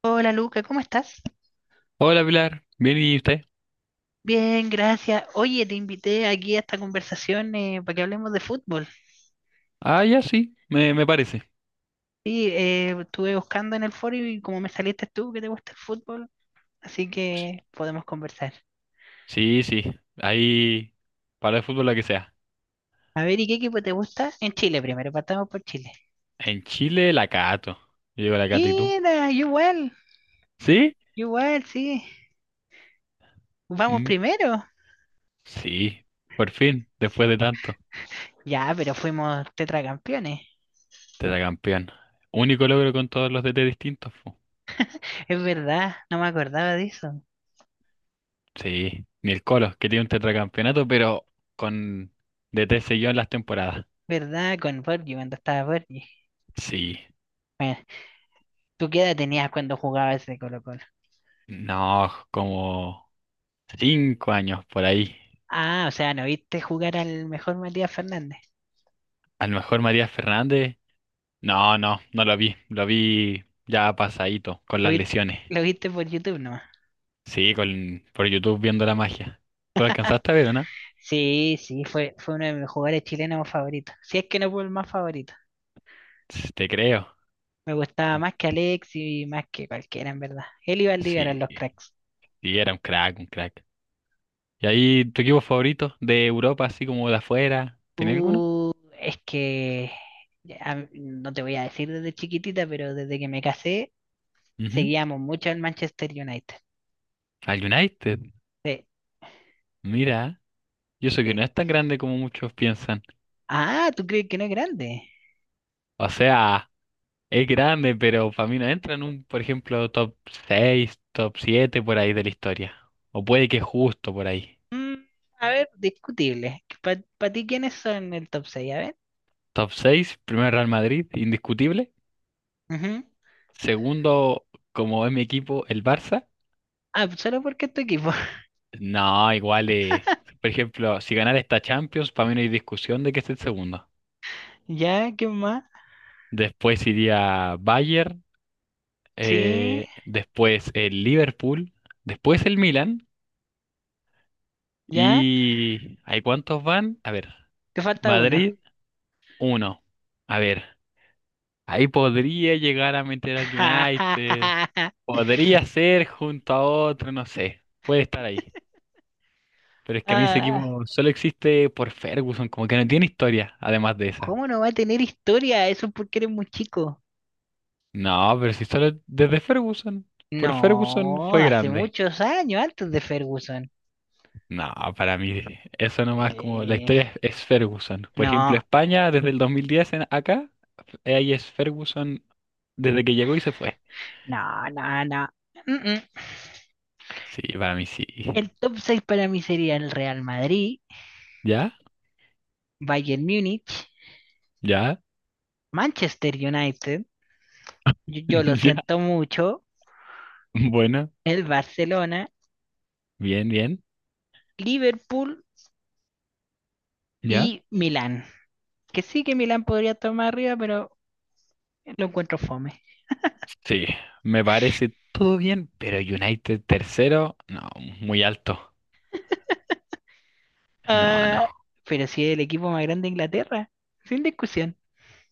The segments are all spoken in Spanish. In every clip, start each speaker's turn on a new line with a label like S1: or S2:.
S1: Hola Luca, ¿cómo estás?
S2: Hola Pilar, ¿bien y usted?
S1: Bien, gracias. Oye, te invité aquí a esta conversación para que hablemos de fútbol.
S2: Ah, ya sí, me parece.
S1: Sí, estuve buscando en el foro y como me saliste tú que te gusta el fútbol, así que podemos conversar.
S2: Sí, sí, ahí para el fútbol la que sea.
S1: A ver, ¿y qué equipo te gusta? En Chile primero, partamos por Chile.
S2: En Chile la cato. Yo digo la cato, ¿y tú?
S1: Mira,
S2: ¿Sí?
S1: yo igual, sí. Vamos
S2: Mm,
S1: primero.
S2: sí, por fin, después de tanto.
S1: Ya, pero fuimos tetracampeones.
S2: Tetracampeón. Único logro con todos los DT distintos po.
S1: Es verdad, no me acordaba de eso.
S2: Sí, ni el Colo, que tiene un tetracampeonato, pero con DT seguido en las temporadas.
S1: ¿Verdad? Con Borgi, cuando estaba Borgi.
S2: Sí,
S1: Bueno, ¿tú qué edad tenías cuando jugabas ese Colo-Colo?
S2: no, como 5 años por ahí.
S1: Ah, o sea, no viste jugar al mejor Matías Fernández.
S2: A lo mejor María Fernández. No, no, no lo vi. Lo vi ya pasadito, con
S1: Lo
S2: las
S1: viste,
S2: lesiones.
S1: lo viste por YouTube nomás.
S2: Sí, por YouTube viendo la magia. ¿Tú la alcanzaste a ver o no?
S1: Sí, sí, fue uno de mis jugadores chilenos favoritos. Si es que no fue el más favorito.
S2: Sí, te creo.
S1: Me gustaba más que Alex y más que cualquiera, en verdad. Él y Valdivia eran
S2: Sí,
S1: los cracks.
S2: sí, era un crack, un crack. ¿Y ahí tu equipo favorito de Europa, así como de afuera? ¿Tenés alguno?
S1: Uh, es que ya, no te voy a decir desde chiquitita, pero desde que me casé,
S2: Ujú.
S1: seguíamos mucho al Manchester United.
S2: Al United.
S1: Sí,
S2: Mira, yo sé que
S1: sí.
S2: no es tan grande como muchos piensan.
S1: Ah, ¿tú crees que no es grande?
S2: O sea, es grande, pero para mí no entra en un, por ejemplo, top 6 top 7 por ahí de la historia. O puede que justo por ahí.
S1: Mm, a ver, discutible. ¿Para ti quiénes son el top 6? A ver.
S2: Top 6, primero Real Madrid, indiscutible.
S1: Ujú.
S2: Segundo, como es mi equipo, el Barça.
S1: Ah, pues solo porque es tu equipo.
S2: No, igual, por ejemplo, si ganara esta Champions, para mí no hay discusión de que esté el segundo.
S1: Ya, ¿qué más?
S2: Después iría Bayern,
S1: Sí,
S2: después el Liverpool, después el Milan.
S1: ya.
S2: ¿Y hay cuántos van? A ver,
S1: Te falta uno.
S2: Madrid, uno. A ver, ahí podría llegar a meter al United, podría ser junto a otro, no sé, puede estar ahí. Pero es que a mí ese equipo
S1: Ah,
S2: solo existe por Ferguson, como que no tiene historia, además de esa.
S1: ¿cómo no va a tener historia? Eso es porque eres muy chico.
S2: No, pero si solo desde Ferguson, por Ferguson
S1: No,
S2: fue
S1: hace
S2: grande.
S1: muchos años, antes de Ferguson.
S2: No, para mí eso nomás como la
S1: Eh,
S2: historia es Ferguson. Por ejemplo,
S1: no,
S2: España desde el 2010 en acá, ahí es Ferguson desde que llegó y se fue.
S1: no, no, no. Mm, mm.
S2: Sí, para mí sí.
S1: El top 6 para mí sería el Real Madrid,
S2: ¿Ya?
S1: Bayern Múnich,
S2: ¿Ya?
S1: Manchester United, yo lo
S2: ¿Ya?
S1: siento mucho,
S2: Bueno,
S1: el Barcelona,
S2: bien, bien.
S1: Liverpool
S2: ¿Ya?
S1: y Milán, que sí que Milán podría tomar arriba, pero lo encuentro fome.
S2: Sí, me parece todo bien, pero United tercero, no, muy alto. No, no.
S1: Ah, pero si es el equipo más grande de Inglaterra, sin discusión.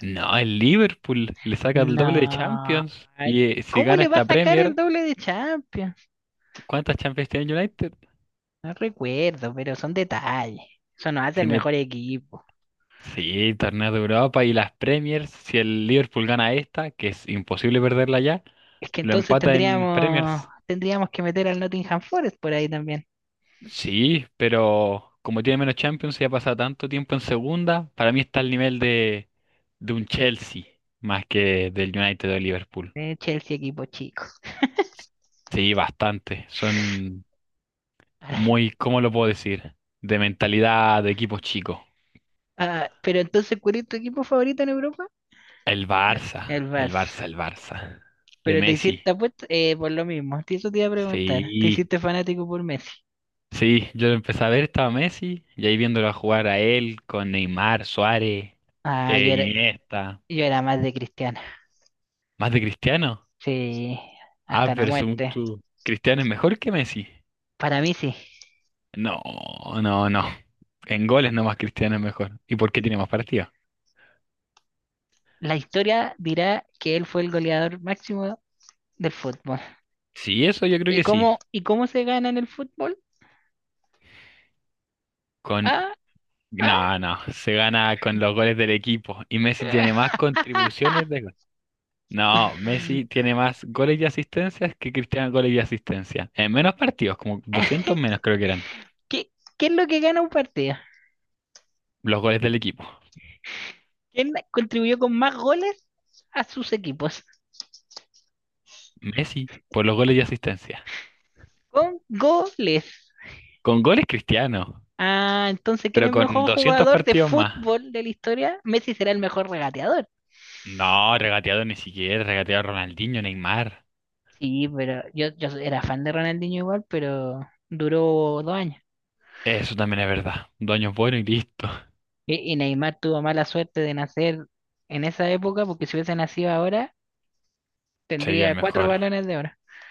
S2: No, el Liverpool le saca el doble de
S1: No.
S2: Champions. Y si
S1: ¿Cómo
S2: gana
S1: le va a
S2: esta
S1: sacar el
S2: Premier,
S1: doble de Champions?
S2: ¿cuántas Champions tiene el United?
S1: No recuerdo, pero son detalles. Eso nos hace el
S2: Tiene,
S1: mejor equipo.
S2: sí, torneos de Europa y las Premiers. Si el Liverpool gana esta, que es imposible perderla ya,
S1: Es que
S2: lo
S1: entonces
S2: empata en
S1: tendríamos,
S2: Premiers.
S1: tendríamos que meter al Nottingham Forest por ahí también.
S2: Sí, pero como tiene menos Champions y ha pasado tanto tiempo en segunda, para mí está al nivel de un Chelsea más que del United o Liverpool.
S1: Chelsea equipo chico.
S2: Sí, bastante. Son muy, ¿cómo lo puedo decir? De mentalidad de equipos chicos.
S1: Ah, pero entonces, ¿cuál es tu equipo favorito en Europa?
S2: El Barça,
S1: El
S2: el
S1: Barça.
S2: Barça, el Barça. De
S1: Pero te
S2: Messi.
S1: hiciste, te apuesto, por lo mismo, eso te iba a preguntar. ¿Te
S2: Sí,
S1: hiciste fanático por Messi?
S2: sí, yo lo empecé a ver, estaba Messi, y ahí viéndolo jugar a él con Neymar, Suárez,
S1: Ah, yo era,
S2: Iniesta.
S1: yo era más de Cristiano.
S2: ¿Más de Cristiano?
S1: Sí,
S2: Ah,
S1: hasta la
S2: pero según
S1: muerte.
S2: tú, ¿Cristiano es mejor que Messi?
S1: Para mí sí.
S2: No, no, no. En goles nomás Cristiano es mejor. ¿Y por qué tiene más partidos?
S1: La historia dirá que él fue el goleador máximo del fútbol.
S2: Sí, eso yo creo
S1: ¿Y
S2: que sí.
S1: cómo, y cómo se gana en el fútbol?
S2: con
S1: Ah, ah.
S2: No, no, se gana con los goles del equipo y Messi tiene más contribuciones de gol. No, Messi tiene más goles y asistencias que Cristiano goles y asistencias. En menos partidos, como 200 menos creo que eran.
S1: ¿Qué, qué es lo que gana un partido?
S2: Los goles del equipo.
S1: ¿Quién contribuyó con más goles a sus equipos?
S2: Messi por los goles y asistencias.
S1: Con goles.
S2: Con goles Cristiano,
S1: Ah, entonces, ¿quién es
S2: pero
S1: el
S2: con
S1: mejor
S2: 200
S1: jugador de
S2: partidos más.
S1: fútbol de la historia? Messi será el mejor regateador.
S2: No, regateado ni siquiera, regateado Ronaldinho, Neymar.
S1: Sí, pero yo era fan de Ronaldinho igual, pero duró 2 años.
S2: Eso también es verdad. Dos es bueno y listo.
S1: Y Neymar tuvo mala suerte de nacer en esa época, porque si hubiese nacido ahora,
S2: Sería el
S1: tendría cuatro
S2: mejor.
S1: balones de oro.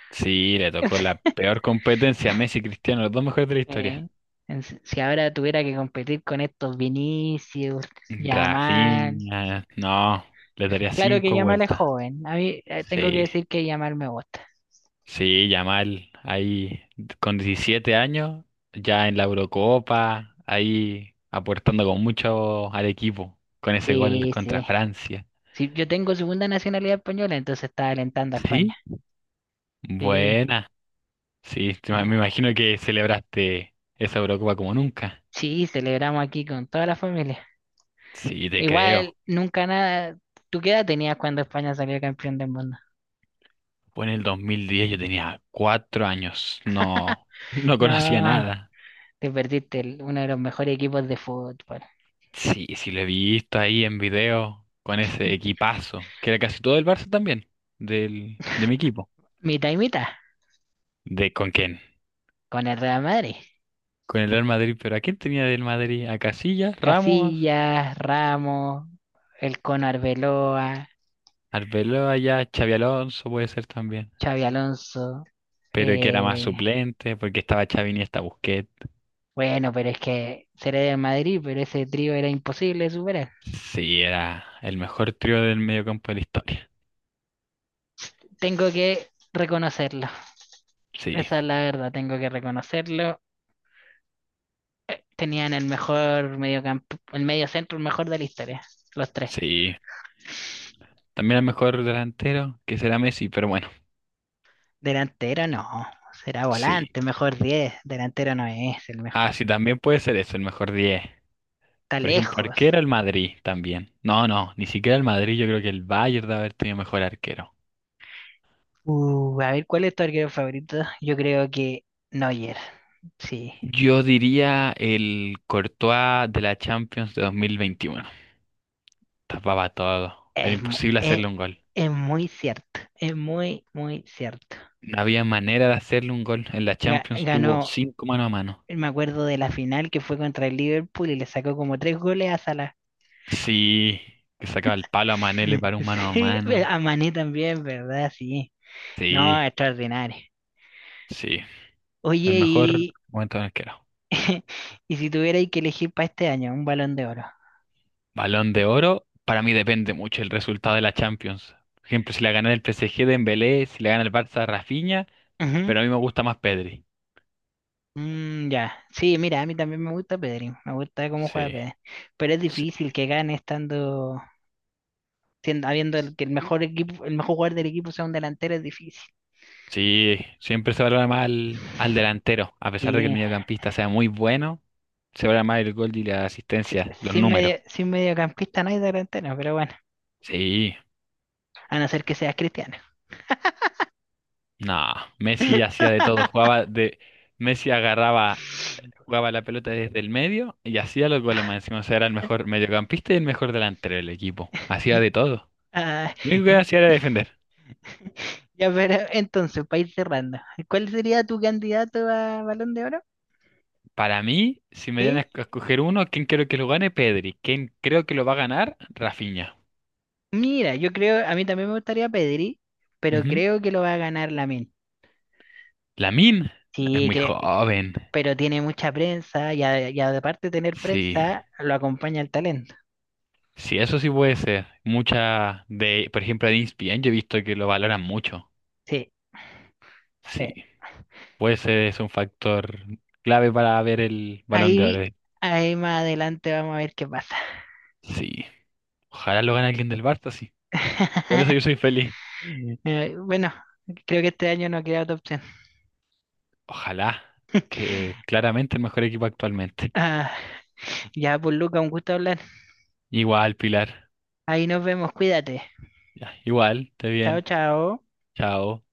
S2: Sí, le tocó la peor competencia a Messi y Cristiano, los dos mejores de la
S1: Eh,
S2: historia.
S1: en si si ahora tuviera que competir con estos Vinicius, Yamal.
S2: Rafinha, no, le daría
S1: Claro que
S2: cinco
S1: Yamal es
S2: vueltas.
S1: joven. A mí tengo que
S2: Sí,
S1: decir que Yamal me gusta.
S2: sí, Yamal, ahí con 17 años, ya en la Eurocopa, ahí aportando con mucho al equipo, con ese gol
S1: Sí,
S2: contra
S1: sí.
S2: Francia.
S1: Sí, yo tengo segunda nacionalidad española, entonces estaba alentando a España.
S2: Sí,
S1: Sí.
S2: buena. Sí, me
S1: Ah,
S2: imagino que celebraste esa Eurocopa como nunca.
S1: sí, celebramos aquí con toda la familia.
S2: Sí, te
S1: Igual,
S2: creo.
S1: nunca nada. ¿Tú qué edad tenías cuando España salió campeón del mundo?
S2: Fue en el 2010, yo tenía 4 años, no, no conocía
S1: No,
S2: nada.
S1: te perdiste uno de los mejores equipos de fútbol.
S2: Sí, sí lo he visto ahí en video con ese equipazo, que era casi todo el Barça también, de mi equipo.
S1: Mitad y mitad,
S2: ¿De con quién?
S1: con el Real Madrid.
S2: Con el Real Madrid, pero ¿a quién tenía del Madrid? A Casillas, Ramos,
S1: Casillas, Ramos, el Cono Arbeloa,
S2: Arbeloa ya, Xavi Alonso puede ser también.
S1: Xavi Alonso.
S2: Pero que era más
S1: eh,
S2: suplente, porque estaba Xavi y estaba Busquets.
S1: bueno, pero es que seré del Madrid, pero ese trío era imposible de superar.
S2: Sí, era el mejor trío del mediocampo de la historia.
S1: Tengo que reconocerlo.
S2: Sí,
S1: Esa es la verdad, tengo que reconocerlo. Tenían el mejor mediocampo el medio centro, el mejor de la historia, los tres.
S2: sí. También el mejor delantero, que será Messi, pero bueno,
S1: Delantero no, será
S2: sí.
S1: volante, mejor 10. Delantero no es el mejor.
S2: Ah, sí, también puede ser eso, el mejor 10.
S1: Está
S2: Por ejemplo,
S1: lejos.
S2: arquero el Madrid también. No, no, ni siquiera el Madrid. Yo creo que el Bayern debe haber tenido mejor arquero.
S1: A ver, ¿cuál es tu arquero favorito? Yo creo que Neuer. Sí,
S2: Yo diría el Courtois de la Champions de 2021. Tapaba todo. Era
S1: es, mu-
S2: imposible
S1: es,
S2: hacerle un gol.
S1: es muy cierto. Es muy, muy cierto.
S2: No había manera de hacerle un gol. En la Champions tuvo
S1: Ganó,
S2: cinco mano a mano.
S1: me acuerdo de la final que fue contra el Liverpool y le sacó como tres goles a Salah.
S2: Sí, que sacaba el palo a Mané, le paró un mano a
S1: Sí,
S2: mano.
S1: a Mané también, ¿verdad? Sí.
S2: Sí,
S1: No, extraordinario.
S2: sí. El
S1: Oye,
S2: mejor
S1: y,
S2: momento del arquero.
S1: y si tuvierais que elegir para este año un balón de oro.
S2: Balón de oro, para mí depende mucho el resultado de la Champions. Por ejemplo, si la gana el PSG de Dembélé, si la gana el Barça Rafinha,
S1: Ujú.
S2: pero a mí me gusta más Pedri.
S1: Mm, ya. Sí, mira, a mí también me gusta Pedri. Me gusta cómo juega
S2: Sí,
S1: Pedri. Pero es
S2: sí.
S1: difícil que gane estando, que el mejor equipo, el mejor jugador del equipo sea un delantero, es difícil.
S2: Sí, siempre se valora más al delantero, a pesar de que el
S1: Sí.
S2: mediocampista sea muy bueno, se valora más el gol y la
S1: Si-
S2: asistencia, los
S1: Sin
S2: números.
S1: medio, sin mediocampista no hay delantero, pero bueno,
S2: Sí,
S1: a no ser que seas cristiano.
S2: no, Messi hacía de todo, jugaba de. Messi agarraba, jugaba la pelota desde el medio y hacía los goles más encima, o sea, era el mejor mediocampista y el mejor delantero del equipo, hacía de todo.
S1: Ah,
S2: Lo único que hacía era defender.
S1: Ya, pero entonces, para ir cerrando, ¿cuál sería tu candidato a Balón de Oro?
S2: Para mí, si me dieran
S1: Sí.
S2: a escoger uno, ¿quién quiero que lo gane? Pedri. ¿Quién creo que lo va a ganar? Rafinha.
S1: Mira, yo creo, a mí también me gustaría Pedri, pero
S2: Ujú.
S1: creo que lo va a ganar Lamine.
S2: Lamine es
S1: Sí,
S2: muy
S1: creo,
S2: joven.
S1: pero tiene mucha prensa y aparte de tener
S2: Sí.
S1: prensa, lo acompaña el talento.
S2: Sí, eso sí puede ser. Mucha de, por ejemplo, de ESPN yo he visto que lo valoran mucho.
S1: Sí, sí.
S2: Sí. Puede ser, es un factor clave para ver el Balón de Oro.
S1: Ahí, ahí más adelante vamos a ver qué pasa.
S2: Sí. Ojalá lo gane alguien del Barça, sí. Con eso yo soy feliz.
S1: Bueno, creo que este año no queda otra opción.
S2: Ojalá, que claramente el mejor equipo actualmente.
S1: Ah, ya, pues Luca, un gusto hablar.
S2: Igual, Pilar.
S1: Ahí nos vemos, cuídate.
S2: Ya, igual, esté
S1: Chao,
S2: bien.
S1: chao.
S2: Chao.